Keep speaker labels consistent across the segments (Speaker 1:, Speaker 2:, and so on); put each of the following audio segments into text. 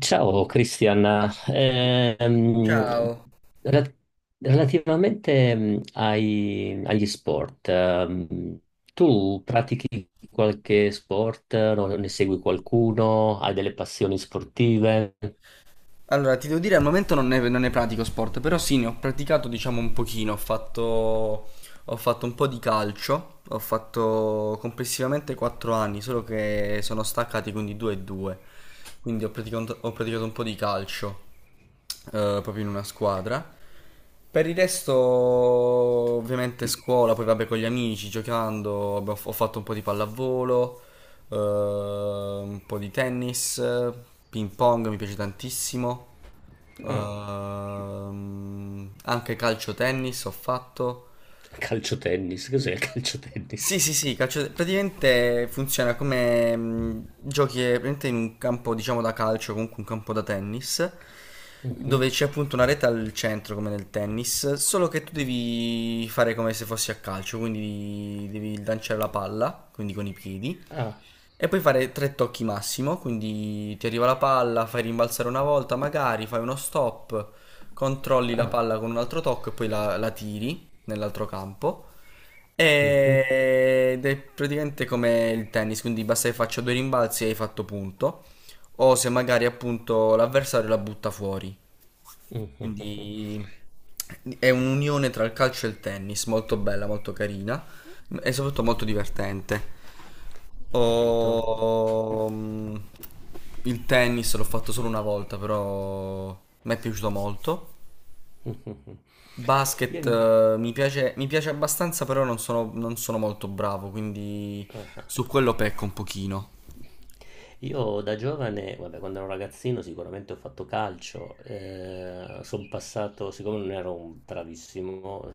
Speaker 1: Ciao Cristian. Ehm,
Speaker 2: Ciao.
Speaker 1: rela- relativamente, agli sport, tu pratichi qualche sport, ne segui qualcuno, hai delle passioni sportive?
Speaker 2: Allora, ti devo dire, al momento non ne pratico sport, però sì, ne ho praticato, diciamo, un pochino. Ho fatto un po' di calcio, ho fatto complessivamente 4 anni, solo che sono staccati, quindi 2 e 2. Quindi ho praticato un po' di calcio, proprio in una squadra. Per il resto, ovviamente scuola, poi vabbè con gli amici, giocando, ho fatto un po' di pallavolo, un po' di tennis, ping pong mi piace tantissimo,
Speaker 1: Ah,
Speaker 2: anche calcio tennis ho fatto.
Speaker 1: calcio tennis, cos'è il calcio tennis?
Speaker 2: Sì, sì, sì, praticamente funziona come, giochi, praticamente in un campo, diciamo, da calcio, comunque un campo da tennis,
Speaker 1: Mhm.
Speaker 2: dove c'è appunto una rete al centro, come nel tennis, solo che tu devi fare come se fossi a calcio, quindi devi lanciare la palla, quindi con i piedi,
Speaker 1: Ah,
Speaker 2: e puoi fare tre tocchi massimo, quindi ti arriva la palla, fai rimbalzare una volta magari, fai uno stop, controlli la
Speaker 1: ah.
Speaker 2: palla con un altro tocco e poi la tiri nell'altro campo.
Speaker 1: Mhm.
Speaker 2: Ed è praticamente come il tennis, quindi basta che faccia due rimbalzi e hai fatto punto. O se magari appunto l'avversario la butta fuori.
Speaker 1: Mhm. Ho
Speaker 2: Quindi è un'unione tra il calcio e il tennis, molto bella, molto carina e soprattutto molto divertente.
Speaker 1: capito.
Speaker 2: Ho- mm, Il tennis l'ho fatto solo una volta, però mi è piaciuto molto.
Speaker 1: Mhm. Io...
Speaker 2: Basket,
Speaker 1: in-
Speaker 2: mi piace abbastanza, però non sono molto bravo, quindi
Speaker 1: ah, ah, ah.
Speaker 2: su quello pecco un pochino.
Speaker 1: Io da giovane, vabbè, quando ero ragazzino sicuramente ho fatto calcio, sono passato, siccome non ero un bravissimo,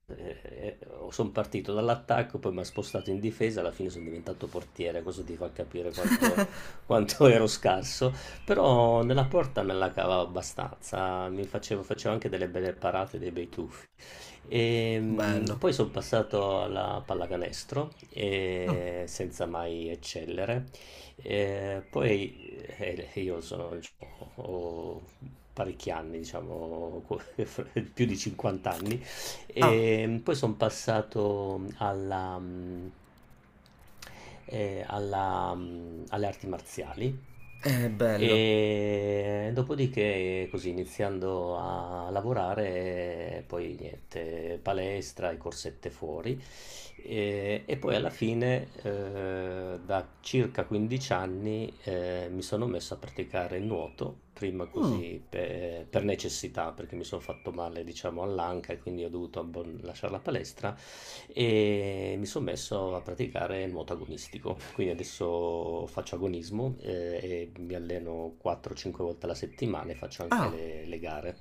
Speaker 1: sono partito dall'attacco, poi mi ha spostato in difesa, alla fine sono diventato portiere. Questo ti fa capire quanto, quanto ero scarso, però nella porta me la cavavo abbastanza, facevo anche delle belle parate, dei bei tuffi. E,
Speaker 2: Bello.
Speaker 1: poi sono passato alla pallacanestro,
Speaker 2: Mm.
Speaker 1: senza mai eccellere. Poi Io sono, diciamo, ho parecchi anni, diciamo, più di 50 anni,
Speaker 2: Ah,
Speaker 1: e poi sono passato alle arti marziali.
Speaker 2: è bello.
Speaker 1: E dopodiché, così iniziando a lavorare, poi niente, palestra e corsette fuori. E poi alla fine, da circa 15 anni, mi sono messo a praticare il nuoto, prima
Speaker 2: Mm.
Speaker 1: così per necessità, perché mi sono fatto male, diciamo, all'anca e quindi ho dovuto lasciare la palestra e mi sono messo a praticare il nuoto agonistico. Quindi adesso faccio agonismo, e mi alleno 4-5 volte alla settimana e faccio anche
Speaker 2: Ah,
Speaker 1: le gare.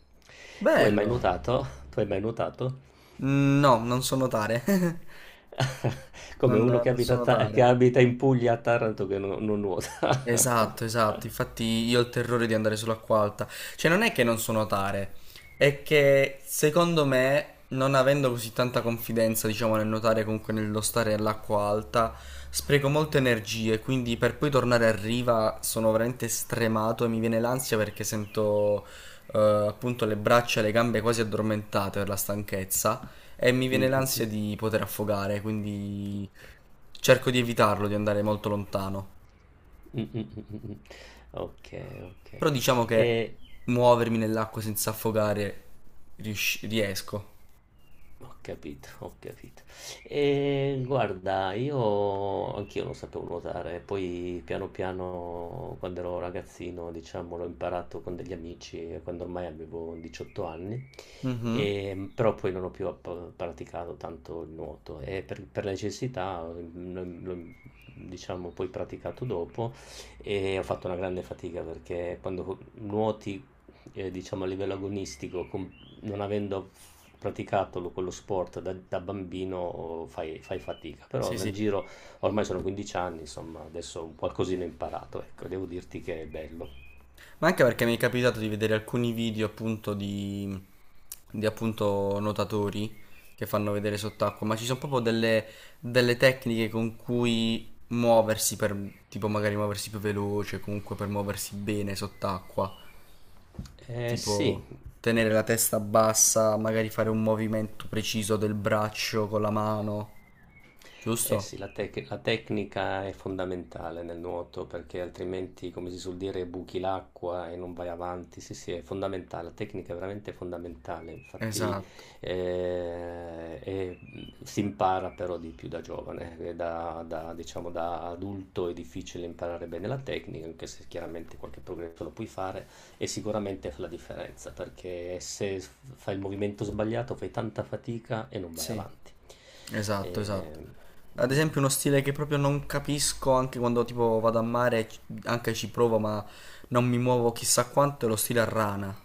Speaker 1: Tu hai mai
Speaker 2: bello.
Speaker 1: nuotato? Tu hai mai nuotato?
Speaker 2: No, non so notare.
Speaker 1: Come
Speaker 2: Non,
Speaker 1: uno che
Speaker 2: non so notare.
Speaker 1: abita in Puglia a Taranto, che non nuota.
Speaker 2: Esatto, esatto. Infatti io ho il terrore di andare sull'acqua alta. Cioè, non è che non so nuotare, è che secondo me, non avendo così tanta confidenza, diciamo, nel nuotare, comunque nello stare all'acqua alta, spreco molte energie, quindi per poi tornare a riva sono veramente stremato e mi viene l'ansia perché sento, eh, appunto le braccia e le gambe quasi addormentate per la stanchezza e mi viene
Speaker 1: Mh-mh-mh.
Speaker 2: l'ansia di poter affogare, quindi cerco di evitarlo, di andare molto lontano.
Speaker 1: Mh-mh-mh-mh-mh. Okay,
Speaker 2: Però
Speaker 1: okay.
Speaker 2: diciamo che
Speaker 1: E
Speaker 2: muovermi nell'acqua senza affogare riesco.
Speaker 1: ho capito, ho capito. E guarda, io anch'io non sapevo nuotare, poi piano piano quando ero ragazzino, diciamo, l'ho imparato con degli amici, quando ormai avevo 18 anni,
Speaker 2: Mhm.
Speaker 1: però poi non ho più praticato tanto il nuoto e per necessità, l'ho, diciamo, poi praticato dopo, e ho fatto una grande fatica, perché quando nuoti, diciamo a livello agonistico, con non avendo praticato quello sport da bambino, fai fatica. Però
Speaker 2: Sì,
Speaker 1: nel
Speaker 2: sì.
Speaker 1: giro, ormai sono 15 anni, insomma, adesso un qualcosina ho imparato, ecco, devo dirti che è bello.
Speaker 2: Ma anche perché mi è capitato di vedere alcuni video appunto di appunto nuotatori che fanno vedere sott'acqua, ma ci sono proprio delle, delle tecniche con cui muoversi per, tipo magari muoversi più veloce, comunque per muoversi bene sott'acqua,
Speaker 1: Eh sì.
Speaker 2: tipo tenere la testa bassa, magari fare un movimento preciso del braccio con la mano,
Speaker 1: Eh
Speaker 2: giusto?
Speaker 1: sì, la tecnica è fondamentale nel nuoto, perché altrimenti, come si suol dire, buchi l'acqua e non vai avanti. Sì, sì, è fondamentale, la tecnica è veramente fondamentale, infatti.
Speaker 2: Esatto,
Speaker 1: Si impara però di più da giovane, da, diciamo, da adulto è difficile imparare bene la tecnica, anche se chiaramente qualche progresso lo puoi fare, e sicuramente fa la differenza, perché se s- fai il movimento sbagliato fai tanta fatica e non vai
Speaker 2: sì,
Speaker 1: avanti.
Speaker 2: esatto, esatto.
Speaker 1: Eh,
Speaker 2: Ad esempio uno stile che proprio non capisco anche quando tipo vado a mare, anche ci provo, ma non mi muovo chissà quanto, è lo stile a rana.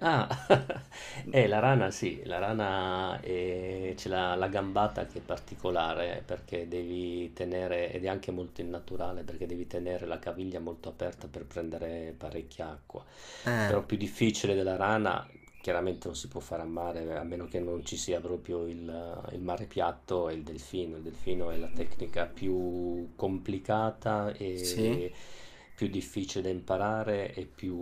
Speaker 1: Ah, la rana, sì, la rana, c'è la gambata, che è particolare perché devi tenere, ed è anche molto innaturale perché devi tenere la caviglia molto aperta per prendere parecchia acqua.
Speaker 2: Eh,
Speaker 1: Però più difficile della rana, chiaramente non si può fare a mare a meno che non ci sia proprio il mare piatto, e il delfino. Il delfino è la tecnica più complicata e
Speaker 2: sì.
Speaker 1: più difficile da imparare e più,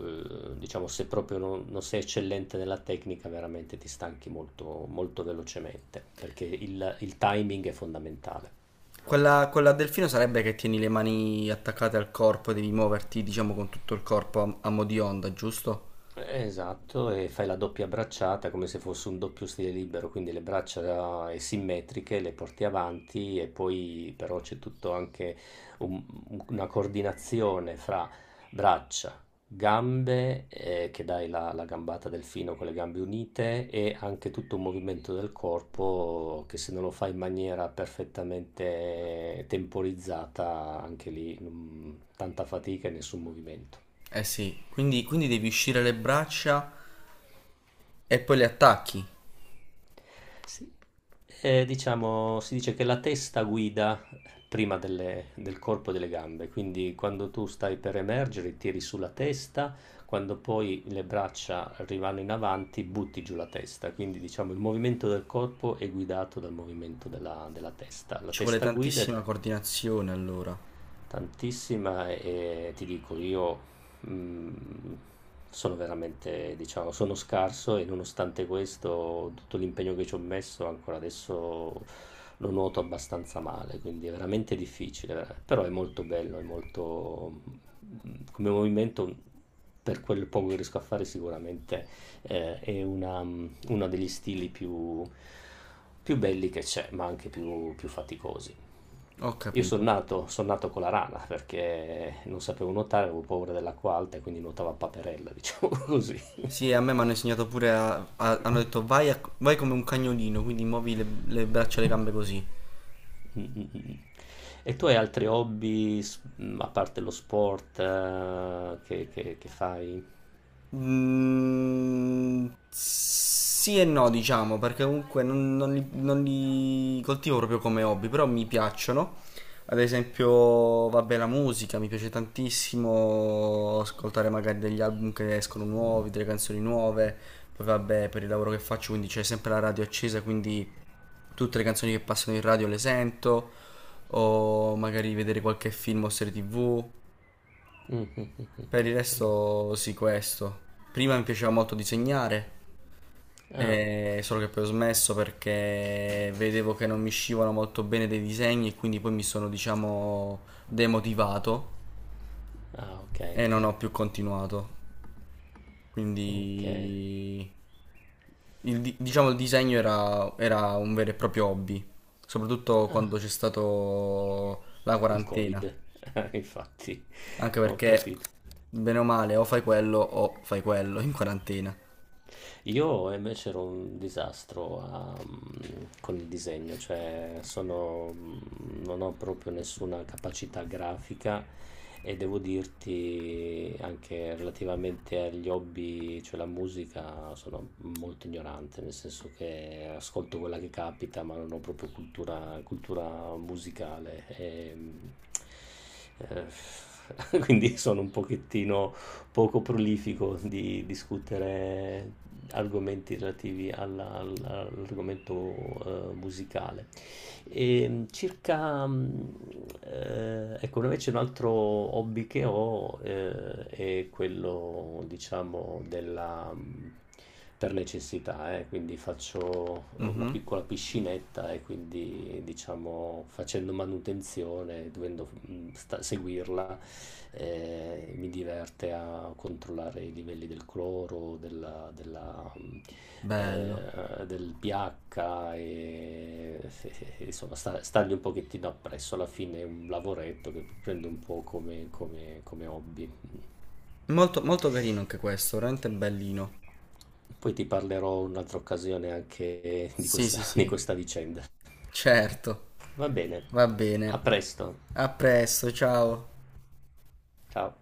Speaker 1: diciamo, se proprio non sei eccellente nella tecnica, veramente ti stanchi molto, molto velocemente, perché il timing è fondamentale.
Speaker 2: Quella, quella a delfino sarebbe che tieni le mani attaccate al corpo e devi muoverti, diciamo, con tutto il corpo a, a mo' di onda, giusto?
Speaker 1: Esatto, e fai la doppia bracciata come se fosse un doppio stile libero, quindi le braccia, simmetriche, le porti avanti, e poi però c'è tutto anche un- una coordinazione fra braccia, gambe, che dai la gambata delfino con le gambe unite, e anche tutto un movimento del corpo che se non lo fai in maniera perfettamente temporizzata, anche lì, tanta fatica e nessun movimento.
Speaker 2: Eh sì, quindi, quindi devi uscire le braccia e poi le attacchi.
Speaker 1: Sì. Diciamo, si dice che la testa guida prima del corpo e delle gambe, quindi quando tu stai per emergere tiri sulla testa, quando poi le braccia arrivano in avanti butti giù la testa, quindi diciamo il movimento del corpo è guidato dal movimento della testa. La
Speaker 2: Ci vuole
Speaker 1: testa guida. E
Speaker 2: tantissima coordinazione allora.
Speaker 1: tantissima, e ti dico io, mhmm, sono veramente, diciamo, sono scarso, e nonostante questo, tutto l'impegno che ci ho messo, ancora adesso lo nuoto abbastanza male, quindi è veramente difficile. Vera, però è molto bello, è molto, come movimento, per quel poco che riesco a fare, sicuramente, è una, uno degli stili più belli che c'è, ma anche più faticosi.
Speaker 2: Ho
Speaker 1: Io
Speaker 2: capito.
Speaker 1: son nato con la rana perché non sapevo nuotare, avevo paura dell'acqua alta e quindi nuotavo a paperella, diciamo, così.
Speaker 2: Sì, a me mi hanno insegnato pure hanno detto vai, vai come un cagnolino, quindi muovi le braccia e le gambe così.
Speaker 1: Mm, mm, mm. E tu hai altri hobby, a parte lo sport, che fai?
Speaker 2: Mm, sì e no, diciamo, perché comunque non li coltivo proprio come hobby, però mi piacciono. Ad esempio, vabbè, la musica mi piace tantissimo ascoltare magari degli album che escono nuovi, delle canzoni nuove. Poi vabbè, per il lavoro che faccio, quindi c'è sempre la radio accesa, quindi tutte le canzoni che passano in radio le sento, o magari vedere qualche film o serie TV.
Speaker 1: Mm, mm, mm, mm,
Speaker 2: Per il
Speaker 1: mm.
Speaker 2: resto sì, questo. Prima mi piaceva molto disegnare,
Speaker 1: Ah,
Speaker 2: solo che poi ho smesso perché vedevo che non mi uscivano molto bene dei disegni e quindi poi mi sono, diciamo, demotivato
Speaker 1: ah, ok,
Speaker 2: e
Speaker 1: ok,
Speaker 2: non ho più continuato.
Speaker 1: ok.
Speaker 2: Quindi, il, diciamo, il disegno era, era un vero e proprio hobby, soprattutto quando
Speaker 1: Ah,
Speaker 2: c'è stato la
Speaker 1: il
Speaker 2: quarantena,
Speaker 1: Covid, infatti,
Speaker 2: anche
Speaker 1: ho
Speaker 2: perché,
Speaker 1: capito.
Speaker 2: bene o male, o fai quello in quarantena.
Speaker 1: Io invece ero un disastro con il disegno, cioè non ho proprio nessuna capacità grafica, e devo dirti anche, relativamente agli hobby, cioè la musica, sono molto ignorante, nel senso che ascolto quella che capita, ma non ho proprio cultura, cultura musicale. E, quindi sono un pochettino poco prolifico di discutere argomenti relativi all'argomento, musicale. E, circa, ecco, invece un altro hobby che ho, è quello, diciamo, della, per necessità, quindi faccio una
Speaker 2: Mhm.
Speaker 1: piccola piscinetta, e quindi, diciamo, facendo manutenzione, dovendo seguirla, mi diverte a controllare i livelli del cloro,
Speaker 2: Bello.
Speaker 1: del pH, insomma stargli un pochettino appresso. Alla fine è un lavoretto che prendo un po' come, hobby.
Speaker 2: Molto, molto carino anche questo, veramente bellino.
Speaker 1: Poi ti parlerò un'altra occasione anche di
Speaker 2: Sì,
Speaker 1: questa
Speaker 2: sì,
Speaker 1: di
Speaker 2: sì.
Speaker 1: questa vicenda.
Speaker 2: Certo.
Speaker 1: Va bene,
Speaker 2: Va
Speaker 1: a
Speaker 2: bene.
Speaker 1: presto.
Speaker 2: A presto, ciao.
Speaker 1: Ciao.